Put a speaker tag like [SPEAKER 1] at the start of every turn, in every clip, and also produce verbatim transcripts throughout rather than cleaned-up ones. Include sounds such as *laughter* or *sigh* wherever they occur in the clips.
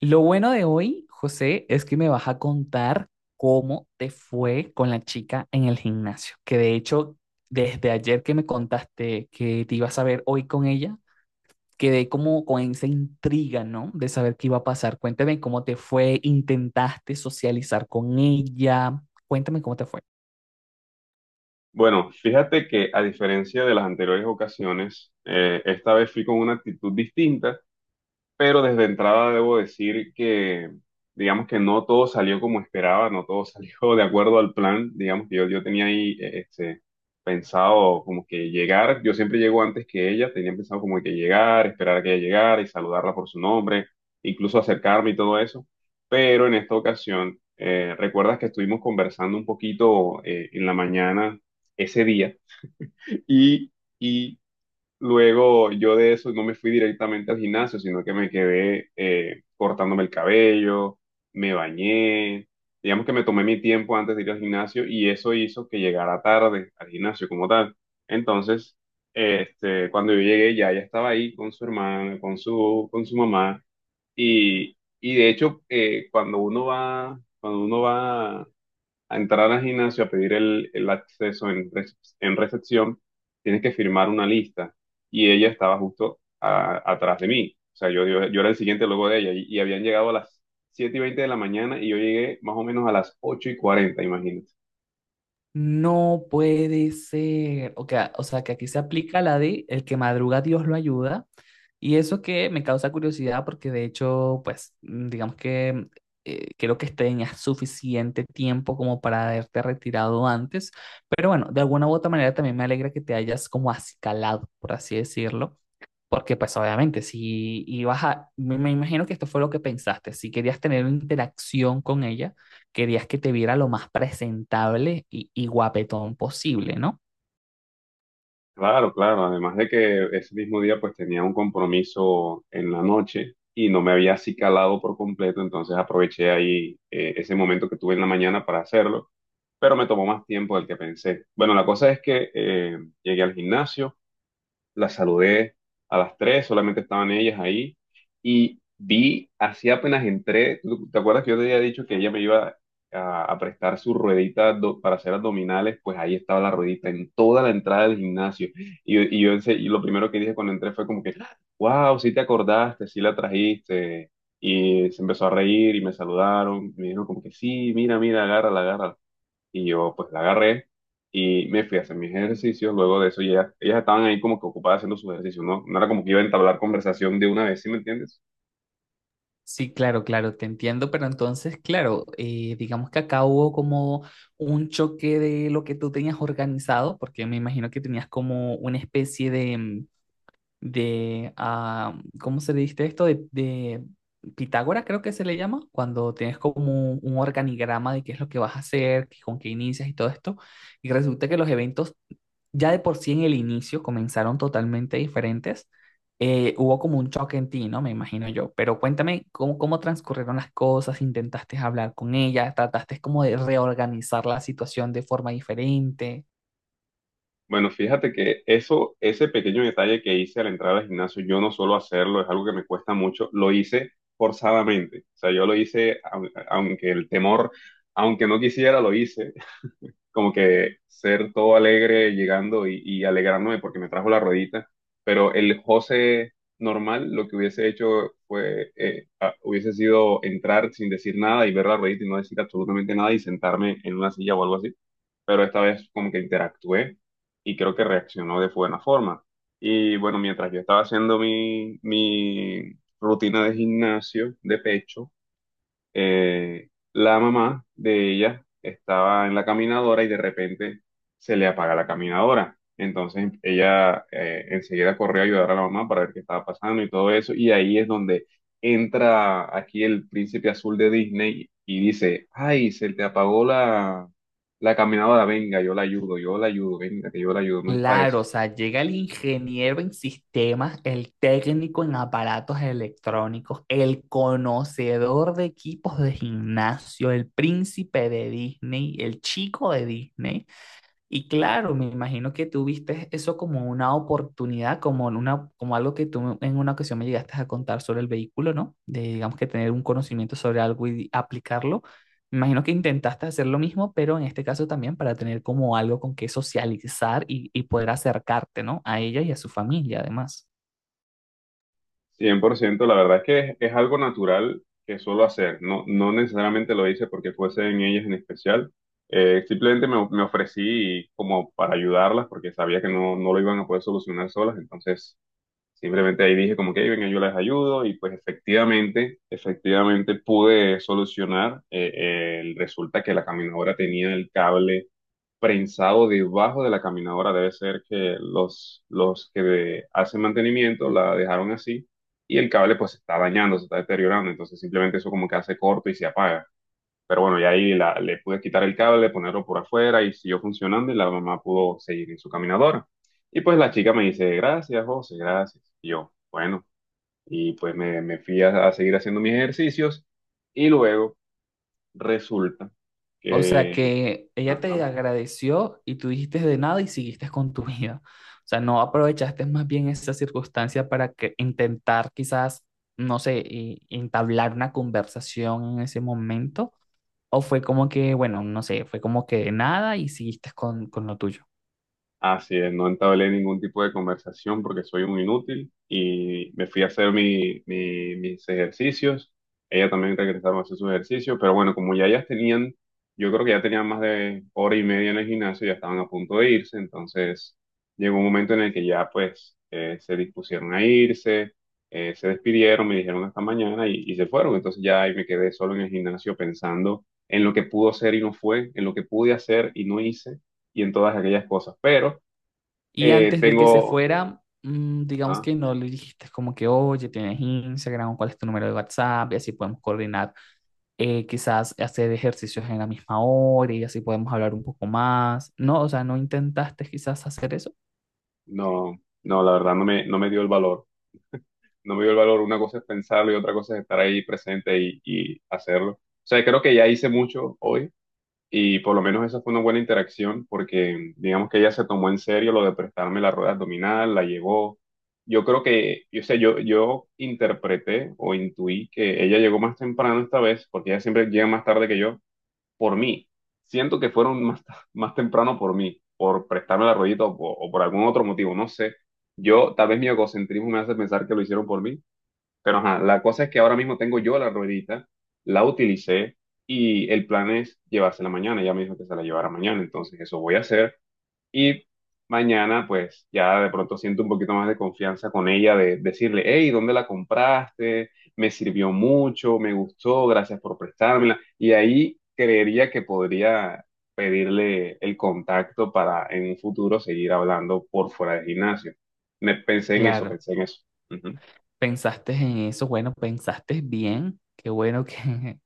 [SPEAKER 1] Lo bueno de hoy, José, es que me vas a contar cómo te fue con la chica en el gimnasio, que de hecho, desde ayer que me contaste que te ibas a ver hoy con ella, quedé como con esa intriga, ¿no? De saber qué iba a pasar. Cuéntame cómo te fue, intentaste socializar con ella, cuéntame cómo te fue.
[SPEAKER 2] Bueno, fíjate que a diferencia de las anteriores ocasiones, eh, esta vez fui con una actitud distinta, pero desde entrada debo decir que, digamos que no todo salió como esperaba, no todo *laughs* salió de acuerdo al plan. Digamos que yo, yo tenía ahí eh, este, pensado como que llegar. Yo siempre llego antes que ella, tenía pensado como que llegar, esperar a que ella llegara y saludarla por su nombre, incluso acercarme y todo eso. Pero en esta ocasión, eh, recuerdas que estuvimos conversando un poquito eh, en la mañana ese día y... Y luego yo de eso no me fui directamente al gimnasio, sino que me quedé eh, cortándome el cabello, me bañé. Digamos que me tomé mi tiempo antes de ir al gimnasio y eso hizo que llegara tarde al gimnasio como tal. Entonces, este, cuando yo llegué, ya ella estaba ahí con su hermana, con su, con su mamá. Y, y de hecho, eh, cuando uno va, cuando uno va a entrar al gimnasio, a pedir el, el acceso en, recep- en recepción, tienes que firmar una lista. Y ella estaba justo a- atrás de mí. O sea, yo, yo, yo era el siguiente luego de ella. Y, y habían llegado a las siete y veinte de la mañana y yo llegué más o menos a las ocho y cuarenta, imagínate.
[SPEAKER 1] No puede ser, o que- o sea, que aquí se aplica la de el que madruga Dios lo ayuda. Y eso que me causa curiosidad porque de hecho, pues, mm, digamos que eh, creo que tenías suficiente tiempo como para haberte retirado antes, pero bueno, de alguna u otra manera también me alegra que te hayas como acicalado, por así decirlo, porque pues obviamente si ibas a, me, me imagino que esto fue lo que pensaste, si querías tener una interacción con ella, querías que te viera lo más presentable y, y guapetón posible, ¿no?
[SPEAKER 2] Claro, claro. Además de que ese mismo día pues tenía un compromiso en la noche y no me había acicalado por completo. Entonces aproveché ahí eh, ese momento que tuve en la mañana para hacerlo, pero me tomó más tiempo del que pensé. Bueno, la cosa es que eh, llegué al gimnasio, la saludé a las tres, solamente estaban ellas ahí. Y vi, así apenas entré, ¿tú- ¿te acuerdas que yo te había dicho que ella me iba a, a prestar su ruedita do- para hacer abdominales? Pues ahí estaba la ruedita en toda la entrada del gimnasio. Y, yo- y yo ense- y lo primero que dije cuando entré fue como que, wow, sí te acordaste, sí la trajiste. Y se empezó a reír y me saludaron. Me dijeron como que sí, mira, mira, agárrala, agárrala, y yo pues la agarré y me fui a hacer mis ejercicios. Luego de eso ya, ellas ellas estaban ahí como que ocupadas haciendo sus ejercicios, ¿no? No era como que iba a entablar conversación de una vez, ¿sí me entiendes?
[SPEAKER 1] Sí, claro, claro, te entiendo, pero entonces, claro, eh, digamos que acá hubo como un choque de lo que tú tenías organizado, porque me imagino que tenías como una especie de, mm, de ah, ¿cómo se le dice esto? De, de Pitágora, creo que se le llama, cuando tienes como un, un organigrama de qué es lo que vas a hacer, qué- con qué inicias y todo esto, y resulta que los eventos ya de por sí en el inicio comenzaron totalmente diferentes. Eh, hubo como un choque en ti, ¿no? Me imagino yo. Pero cuéntame cómo, cómo transcurrieron las cosas, intentaste hablar con ella, trataste como de reorganizar la situación de forma diferente.
[SPEAKER 2] Bueno, fíjate que eso, ese pequeño detalle que hice al entrar al gimnasio, yo no suelo hacerlo, es algo que me cuesta mucho, lo hice forzadamente. O sea, yo lo hice, au- aunque el temor, aunque no quisiera, lo hice, como que ser todo alegre llegando y, y alegrándome porque me trajo la rodita. Pero el José normal lo que hubiese hecho fue, eh, a- hubiese sido entrar sin decir nada y ver la ruedita y no decir absolutamente nada y sentarme en una silla o algo así. Pero esta vez como que interactué y creo que reaccionó de buena forma. Y bueno, mientras yo estaba haciendo mi, mi rutina de gimnasio de pecho, eh, la mamá de ella estaba en la caminadora y de repente se le apaga la caminadora. Entonces ella eh, enseguida corrió a ayudar a la mamá para ver qué estaba pasando y todo eso. Y ahí es donde entra aquí el príncipe azul de Disney y dice, ay, se te apagó la, la caminadora, venga, yo la ayudo, yo la ayudo, venga, que yo la ayudo, no es para eso.
[SPEAKER 1] Claro, o sea, llega el ingeniero en sistemas, el técnico en aparatos electrónicos, el conocedor de equipos de gimnasio, el príncipe de Disney, el chico de Disney. Y claro, me imagino que tú viste eso como una oportunidad, como, en una, como algo que tú en una ocasión me llegaste a contar sobre el vehículo, ¿no? De, digamos que tener un conocimiento sobre algo y aplicarlo. Me imagino que intentaste hacer lo mismo, pero en este caso también para tener como algo con que socializar y, y poder acercarte, ¿no? A ella y a su familia, además.
[SPEAKER 2] Cien por ciento. La verdad es que es, es algo natural que suelo hacer, no, no necesariamente lo hice porque fuese en ellas en especial. Eh, simplemente me, me ofrecí como para ayudarlas porque sabía que no, no lo iban a poder solucionar solas. Entonces simplemente ahí dije como que "Ey, venga, yo les ayudo", y pues efectivamente, efectivamente pude solucionar. Eh, eh, resulta que la caminadora tenía el cable prensado debajo de la caminadora. Debe ser que los, los que de- hacen mantenimiento la dejaron así y el cable pues se está dañando, se está deteriorando. Entonces simplemente eso como que hace corto y se apaga. Pero bueno, y ahí la- le pude quitar el cable, ponerlo por afuera y siguió funcionando, y la mamá pudo seguir en su caminadora. Y pues la chica me dice, gracias, José, gracias. Y yo, bueno, y pues me, me fui a, a seguir haciendo mis ejercicios y luego resulta
[SPEAKER 1] O sea
[SPEAKER 2] que.
[SPEAKER 1] que ella te
[SPEAKER 2] Ajá.
[SPEAKER 1] agradeció y tú dijiste de nada y siguiste con tu vida. O sea, no aprovechaste más bien esa circunstancia para que intentar quizás, no sé, y- entablar una conversación en ese momento. O fue como que, bueno, no sé, fue como que de nada y siguiste con, con lo tuyo.
[SPEAKER 2] Así es, no entablé ningún tipo de conversación porque soy un inútil y me fui a hacer mi- mi- mis ejercicios. Ella también regresaron a hacer sus ejercicios, pero bueno, como ya ellas tenían, yo creo que ya tenían más de hora y media en el gimnasio, ya estaban a punto de irse. Entonces llegó un momento en el que ya pues eh, se dispusieron a irse, eh, se despidieron, me dijeron hasta mañana y, y se fueron. Entonces ya ahí me quedé solo en el gimnasio pensando en lo que pudo ser y no fue, en lo que pude hacer y no hice y en todas aquellas cosas, pero.
[SPEAKER 1] Y
[SPEAKER 2] Eh,
[SPEAKER 1] antes de que se
[SPEAKER 2] tengo,
[SPEAKER 1] fuera, mm, digamos
[SPEAKER 2] ajá,
[SPEAKER 1] que no le dijiste como que, oye, tienes Instagram, cuál es tu número de WhatsApp y así podemos coordinar eh, quizás hacer ejercicios en la misma hora y así podemos hablar un poco más. No, o sea, no intentaste quizás hacer eso.
[SPEAKER 2] no, no, la verdad no me, no me dio el valor. No me dio el valor. Una cosa es pensarlo y otra cosa es estar ahí presente y, y hacerlo. O sea, creo que ya hice mucho hoy, y por lo menos esa fue una buena interacción porque digamos que ella se tomó en serio lo de prestarme la rueda abdominal, la llevó. Yo creo que, yo sé, yo, yo interpreté o intuí que ella llegó más temprano esta vez porque ella siempre llega más tarde que yo, por mí. Siento que fueron más, más temprano por mí, por prestarme la ruedita o, por- o por algún otro motivo, no sé. Yo, tal vez mi egocentrismo me hace pensar que lo hicieron por mí, pero ajá, la cosa es que ahora mismo tengo yo la ruedita, la utilicé y el plan es llevársela mañana. Ella me dijo que se la llevara mañana, entonces eso voy a hacer. Y mañana, pues ya de pronto siento un poquito más de confianza con ella, de decirle, hey, ¿dónde la compraste? Me sirvió mucho, me gustó, gracias por prestármela. Y ahí creería que podría pedirle el contacto para en un futuro seguir hablando por fuera del gimnasio. Me pensé en eso,
[SPEAKER 1] Claro,
[SPEAKER 2] pensé en eso. Ujú.
[SPEAKER 1] pensaste en eso, bueno, pensaste bien, qué bueno que, *laughs*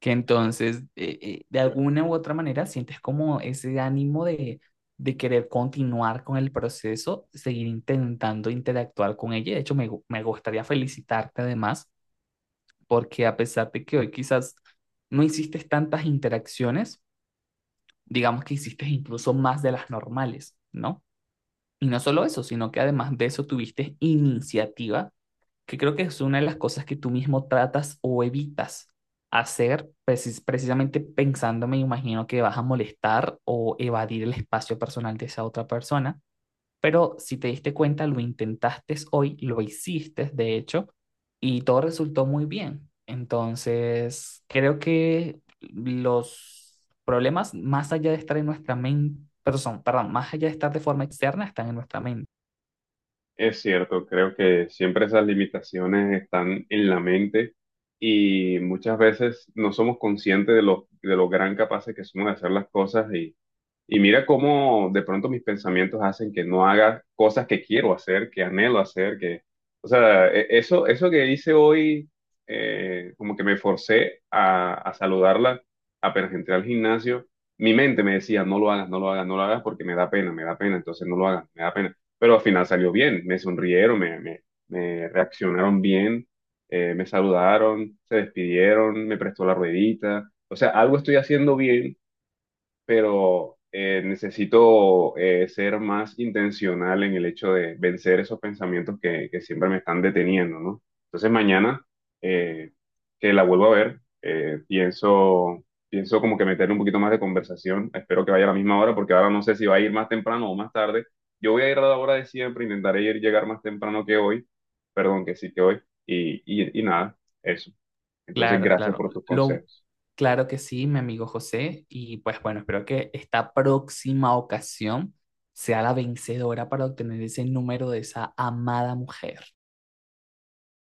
[SPEAKER 1] que entonces eh, eh, de alguna u otra manera sientes como ese ánimo de, de querer continuar con el proceso, seguir intentando interactuar con ella. De hecho, me, gu- me gustaría felicitarte además, porque a pesar de que hoy quizás no hiciste tantas interacciones, digamos que hiciste incluso más de las normales, ¿no? Y no solo eso, sino que además de eso tuviste iniciativa, que creo que es una de las cosas que tú mismo tratas o evitas hacer, precis- precisamente pensando, me imagino que vas a molestar o evadir el espacio personal de esa otra persona. Pero si te diste cuenta, lo intentaste hoy, lo hiciste, de hecho, y todo resultó muy bien. Entonces, creo que los problemas, más allá de estar en nuestra mente, perdón, perdón, más allá de estar de forma externa, están en nuestra mente.
[SPEAKER 2] Es cierto, creo que siempre esas limitaciones están en la mente y muchas veces no somos conscientes de lo, de lo, gran capaces que somos de hacer las cosas, y, y mira cómo de pronto mis pensamientos hacen que no haga cosas que quiero hacer, que anhelo hacer, que, o sea, e- eso, eso que hice hoy, eh, como que me forcé a, a saludarla apenas entré al gimnasio. Mi mente me decía, no lo hagas, no lo hagas, no lo hagas porque me da pena, me da pena, entonces no lo hagas, me da pena. Pero al final salió bien, me sonrieron, me, me, me reaccionaron bien, eh, me saludaron, se despidieron, me prestó la ruedita. O sea, algo estoy haciendo bien, pero eh, necesito eh, ser más intencional en el hecho de vencer esos pensamientos que, que siempre me están deteniendo, ¿no? Entonces mañana, eh, que la vuelvo a ver, eh, pienso, pienso como que meterle un poquito más de conversación. Espero que vaya a la misma hora porque ahora no sé si va a ir más temprano o más tarde. Yo voy a ir a la hora de siempre, intentaré ir, llegar más temprano que hoy, perdón, que sí que hoy, y, y, y nada, eso. Entonces,
[SPEAKER 1] Claro,
[SPEAKER 2] gracias
[SPEAKER 1] claro.
[SPEAKER 2] por tus
[SPEAKER 1] Lo,
[SPEAKER 2] consejos.
[SPEAKER 1] claro que sí, mi amigo José. Y pues bueno, espero que esta próxima ocasión sea la vencedora para obtener ese número de esa amada mujer.